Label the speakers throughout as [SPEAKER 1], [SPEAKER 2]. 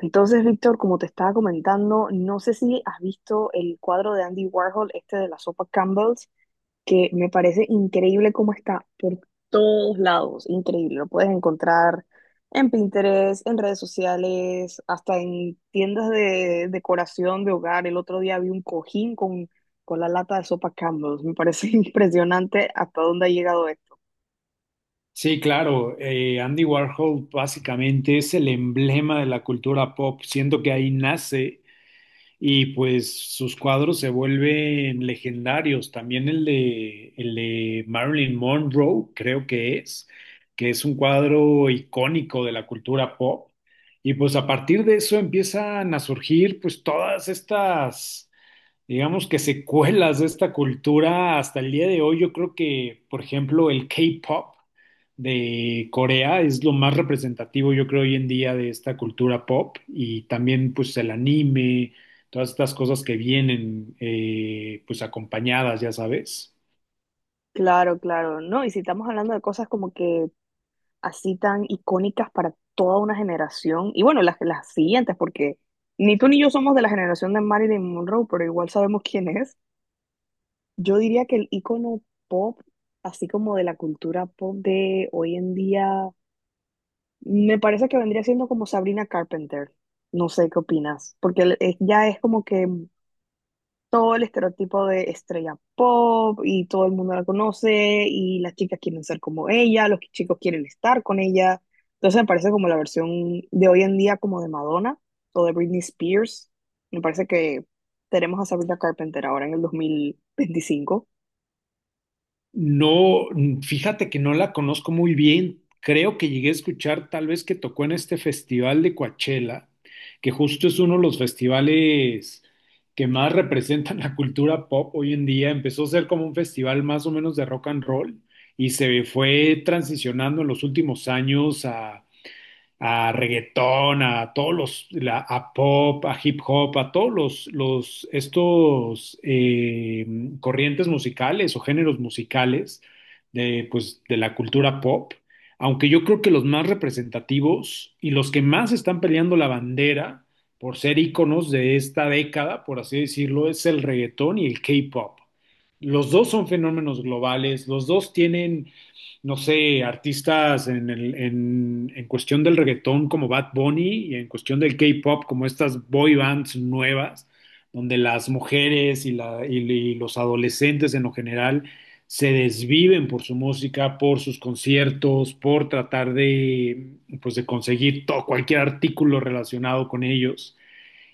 [SPEAKER 1] Entonces, Víctor, como te estaba comentando, no sé si has visto el cuadro de Andy Warhol, este de la sopa Campbell's, que me parece increíble cómo está por todos lados, increíble. Lo puedes encontrar en Pinterest, en redes sociales, hasta en tiendas de decoración de hogar. El otro día vi un cojín con la lata de sopa Campbell's. Me parece impresionante hasta dónde ha llegado esto.
[SPEAKER 2] Sí, claro. Andy Warhol básicamente es el emblema de la cultura pop. Siento que ahí nace y pues sus cuadros se vuelven legendarios. También el de Marilyn Monroe, creo que es un cuadro icónico de la cultura pop. Y pues a partir de eso empiezan a surgir pues todas estas, digamos, que secuelas de esta cultura hasta el día de hoy. Yo creo que, por ejemplo, el K-pop de Corea es lo más representativo, yo creo, hoy en día de esta cultura pop y también pues el anime, todas estas cosas que vienen, pues, acompañadas, ya sabes.
[SPEAKER 1] Claro, claro, ¿no? Y si estamos hablando de cosas como que así tan icónicas para toda una generación y bueno, las siguientes, porque ni tú ni yo somos de la generación de Marilyn Monroe, pero igual sabemos quién es. Yo diría que el icono pop, así como de la cultura pop de hoy en día, me parece que vendría siendo como Sabrina Carpenter. No sé qué opinas, porque ya es como que todo el estereotipo de estrella pop y todo el mundo la conoce y las chicas quieren ser como ella, los chicos quieren estar con ella. Entonces me parece como la versión de hoy en día como de Madonna o de Britney Spears. Me parece que tenemos a Sabrina Carpenter ahora en el 2025.
[SPEAKER 2] No, mm, fíjate que no la conozco muy bien. Creo que llegué a escuchar tal vez que tocó en este festival de Coachella, que justo es uno de los festivales que más representan la cultura pop hoy en día. Empezó a ser como un festival más o menos de rock and roll y se fue transicionando en los últimos años a reggaetón, a a pop, a hip hop, a los estos, corrientes musicales o géneros musicales de, pues, de la cultura pop, aunque yo creo que los más representativos y los que más están peleando la bandera por ser íconos de esta década, por así decirlo, es el reggaetón y el K-pop. Los dos son fenómenos globales, los dos tienen, no sé, artistas en cuestión del reggaetón como Bad Bunny y en cuestión del K-pop como estas boy bands nuevas, donde las mujeres y y- los adolescentes en lo general se desviven por su música, por sus conciertos, por tratar de, pues, de conseguir todo, cualquier artículo relacionado con ellos.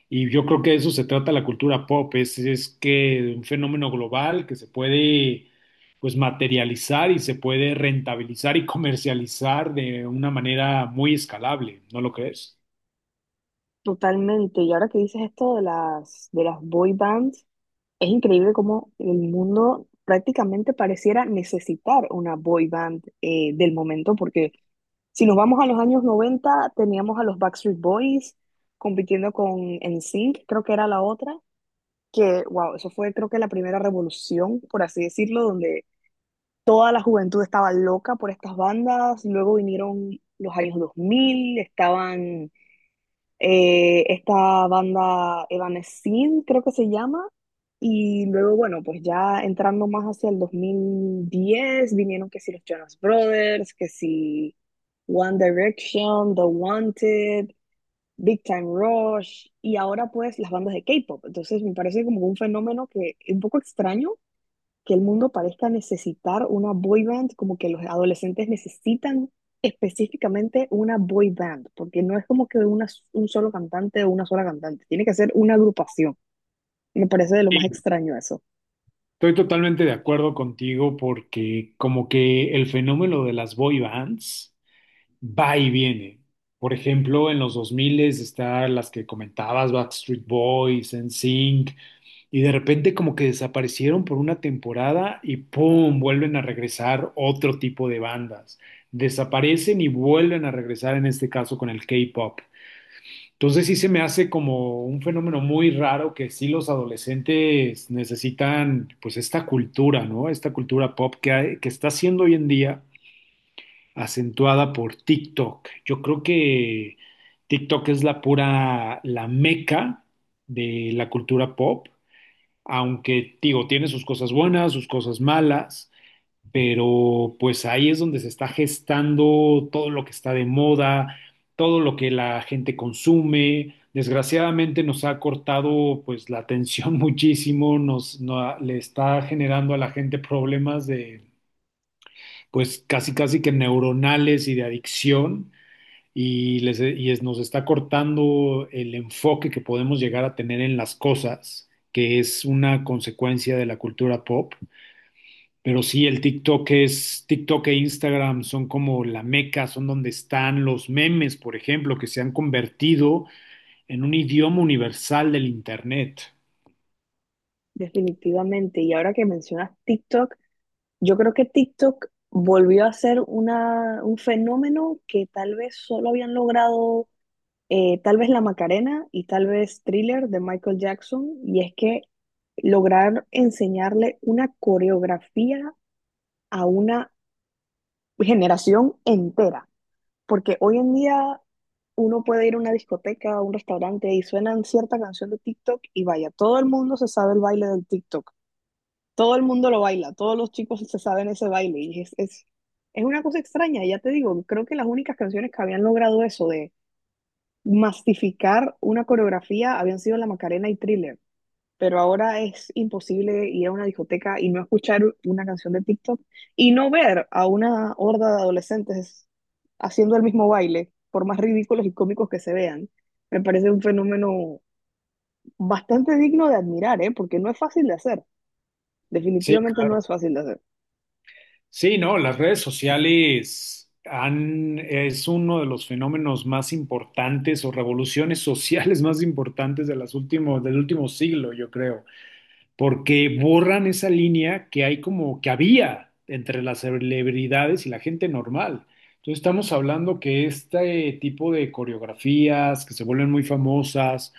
[SPEAKER 2] Y yo creo que de eso se trata la cultura pop, es que un fenómeno global que se puede, pues, materializar y se puede rentabilizar y comercializar de una manera muy escalable, ¿no lo crees?
[SPEAKER 1] Totalmente. Y ahora que dices esto de de las boy bands, es increíble cómo el mundo prácticamente pareciera necesitar una boy band del momento porque si nos vamos a los años 90 teníamos a los Backstreet Boys compitiendo con NSYNC, creo que era la otra, que, wow, eso fue creo que la primera revolución, por así decirlo, donde toda la juventud estaba loca por estas bandas. Luego vinieron los años dos mil, estaban esta banda Evanescence, creo que se llama, y luego, bueno, pues ya entrando más hacia el 2010 vinieron que si los Jonas Brothers, que si One Direction, The Wanted, Big Time Rush, y ahora pues las bandas de K-pop. Entonces me parece como un fenómeno que es un poco extraño que el mundo parezca necesitar una boy band, como que los adolescentes necesitan específicamente una boy band, porque no es como que una, un solo cantante o una sola cantante, tiene que ser una agrupación. Me parece de lo más
[SPEAKER 2] Sí.
[SPEAKER 1] extraño eso.
[SPEAKER 2] Estoy totalmente de acuerdo contigo porque como que el fenómeno de las boy bands va y viene. Por ejemplo, en los 2000 están las que comentabas, Backstreet Boys, NSYNC. Y de repente como que desaparecieron por una temporada y ¡pum!, vuelven a regresar otro tipo de bandas. Desaparecen y vuelven a regresar en este caso con el K-pop. Entonces sí se me hace como un fenómeno muy raro que sí los adolescentes necesitan pues esta cultura, ¿no? Esta cultura pop que, que está siendo hoy en día acentuada por TikTok. Yo creo que TikTok es la pura, la meca de la cultura pop, aunque digo, tiene sus cosas buenas, sus cosas malas, pero pues ahí es donde se está gestando todo lo que está de moda, todo lo que la gente consume. Desgraciadamente nos ha cortado pues la atención muchísimo, nos no- le está generando a la gente problemas de, pues, casi casi que neuronales y de adicción y, les, e, y es- nos está cortando el enfoque que podemos llegar a tener en las cosas, que es una consecuencia de la cultura pop. Pero sí, TikTok e Instagram son como la meca, son donde están los memes, por ejemplo, que se han convertido en un idioma universal del internet.
[SPEAKER 1] Definitivamente. Y ahora que mencionas TikTok, yo creo que TikTok volvió a ser una, un fenómeno que tal vez solo habían logrado tal vez La Macarena y tal vez Thriller de Michael Jackson. Y es que lograr enseñarle una coreografía a una generación entera. Porque hoy en día uno puede ir a una discoteca, a un restaurante y suenan cierta canción de TikTok y vaya, todo el mundo se sabe el baile del TikTok. Todo el mundo lo baila, todos los chicos se saben ese baile y es una cosa extraña. Y ya te digo, creo que las únicas canciones que habían logrado eso de mastificar una coreografía habían sido La Macarena y Thriller, pero ahora es imposible ir a una discoteca y no escuchar una canción de TikTok y no ver a una horda de adolescentes haciendo el mismo baile, por más ridículos y cómicos que se vean. Me parece un fenómeno bastante digno de admirar, ¿eh? Porque no es fácil de hacer,
[SPEAKER 2] Sí.
[SPEAKER 1] definitivamente no es fácil de hacer.
[SPEAKER 2] Sí, no, las redes sociales han, es uno de los fenómenos más importantes o revoluciones sociales más importantes de del último siglo, yo creo, porque borran esa línea que hay, como que había, entre las celebridades y la gente normal. Entonces estamos hablando que este tipo de coreografías que se vuelven muy famosas,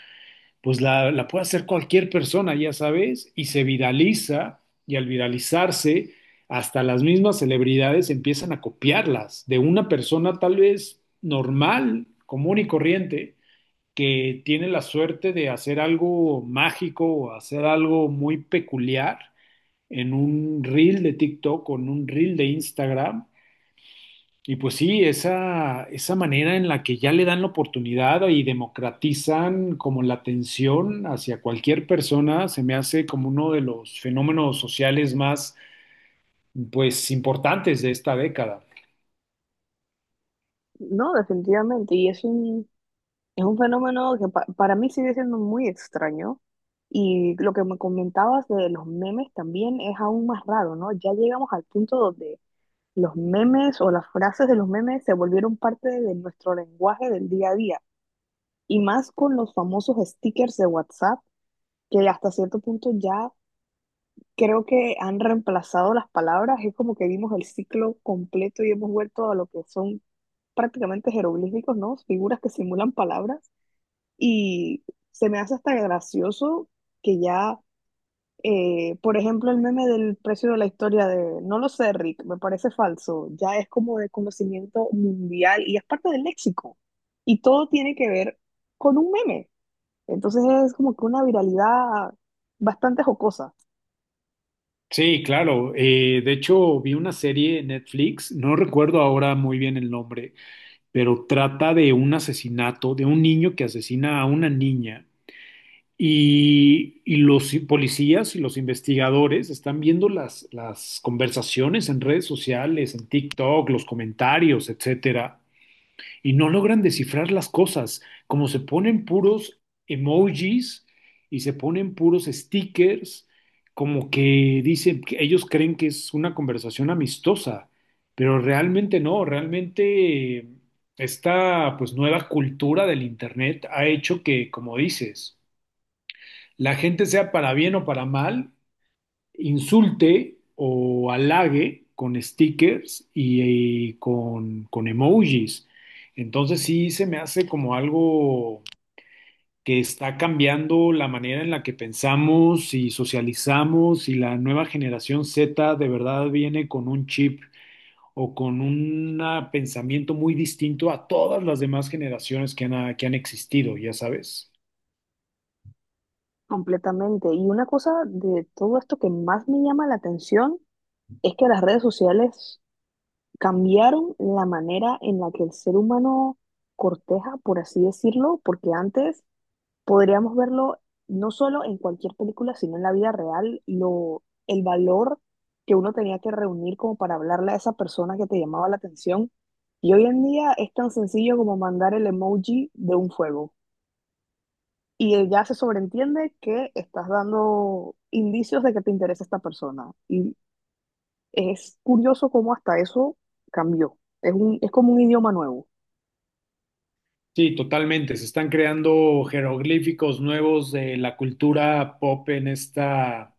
[SPEAKER 2] pues la puede hacer cualquier persona, ya sabes, y se viraliza, y al viralizarse, hasta las mismas celebridades empiezan a copiarlas de una persona tal vez normal, común y corriente, que tiene la suerte de hacer algo mágico o hacer algo muy peculiar en un reel de TikTok o en un reel de Instagram. Y pues sí, esa manera en la que ya le dan la oportunidad y democratizan como la atención hacia cualquier persona se me hace como uno de los fenómenos sociales más, pues, importantes de esta década.
[SPEAKER 1] No, definitivamente. Y es un fenómeno que para mí sigue siendo muy extraño. Y lo que me comentabas de los memes también es aún más raro, ¿no? Ya llegamos al punto donde los memes o las frases de los memes se volvieron parte de nuestro lenguaje del día a día. Y más con los famosos stickers de WhatsApp, que hasta cierto punto ya creo que han reemplazado las palabras. Es como que vimos el ciclo completo y hemos vuelto a lo que son prácticamente jeroglíficos, ¿no? Figuras que simulan palabras y se me hace hasta gracioso que ya, por ejemplo, el meme del precio de la historia de, no lo sé, Rick, me parece falso, ya es como de conocimiento mundial y es parte del léxico y todo tiene que ver con un meme. Entonces es como que una viralidad bastante jocosa,
[SPEAKER 2] Sí, claro. De hecho, vi una serie en Netflix, no recuerdo ahora muy bien el nombre, pero trata de un asesinato, de un niño que asesina a una niña. Y los policías y los investigadores están viendo las conversaciones en redes sociales, en TikTok, los comentarios, etcétera, y no logran descifrar las cosas, como se ponen puros emojis y se ponen puros stickers, como que dicen que ellos creen que es una conversación amistosa, pero realmente no, realmente esta, pues, nueva cultura del internet ha hecho que, como dices, la gente, sea para bien o para mal, insulte o halague con stickers y, con emojis. Entonces sí se me hace como algo que está cambiando la manera en la que pensamos y socializamos, y la nueva generación Z de verdad viene con un chip o con un, pensamiento muy distinto a todas las demás generaciones que han existido, ya sabes.
[SPEAKER 1] completamente. Y una cosa de todo esto que más me llama la atención es que las redes sociales cambiaron la manera en la que el ser humano corteja, por así decirlo, porque antes podríamos verlo no solo en cualquier película, sino en la vida real, lo, el valor que uno tenía que reunir como para hablarle a esa persona que te llamaba la atención. Y hoy en día es tan sencillo como mandar el emoji de un fuego. Y ya se sobreentiende que estás dando indicios de que te interesa esta persona. Y es curioso cómo hasta eso cambió. Es como un idioma nuevo.
[SPEAKER 2] Sí, totalmente. Se están creando jeroglíficos nuevos de la cultura pop en esta,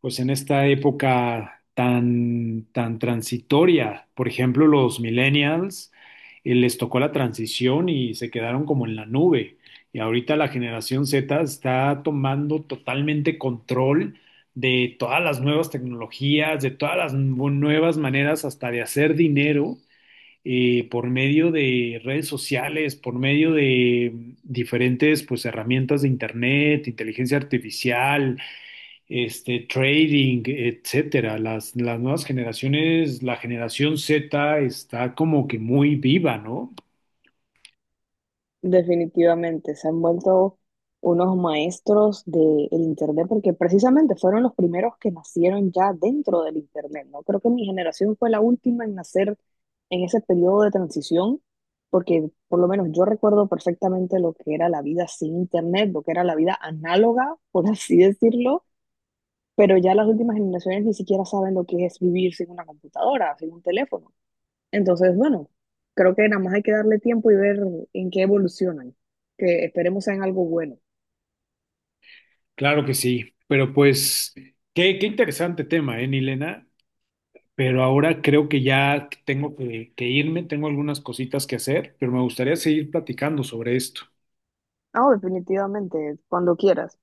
[SPEAKER 2] pues en esta época tan, tan transitoria. Por ejemplo, los millennials, les tocó la transición y se quedaron como en la nube. Y ahorita la generación Z está tomando totalmente control de todas las nuevas tecnologías, de todas las nuevas maneras hasta de hacer dinero, por medio de redes sociales, por medio de, diferentes pues herramientas de internet, inteligencia artificial, este, trading, etcétera. Las nuevas generaciones, la generación Z está como que muy viva, ¿no?
[SPEAKER 1] Definitivamente, se han vuelto unos maestros del Internet porque precisamente fueron los primeros que nacieron ya dentro del Internet, ¿no? Creo que mi generación fue la última en nacer en ese periodo de transición porque por lo menos yo recuerdo perfectamente lo que era la vida sin Internet, lo que era la vida análoga, por así decirlo, pero ya las últimas generaciones ni siquiera saben lo que es vivir sin una computadora, sin un teléfono. Entonces, bueno, creo que nada más hay que darle tiempo y ver en qué evolucionan, que esperemos sean algo bueno.
[SPEAKER 2] Claro que sí, pero pues, qué interesante tema, ¿eh, Nilena? Pero ahora creo que ya tengo que irme, tengo algunas cositas que hacer, pero me gustaría seguir platicando sobre esto.
[SPEAKER 1] Ah, definitivamente, cuando quieras.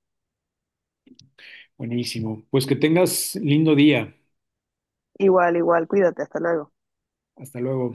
[SPEAKER 2] Buenísimo. Pues que tengas lindo día.
[SPEAKER 1] Igual, igual, cuídate, hasta luego.
[SPEAKER 2] Hasta luego.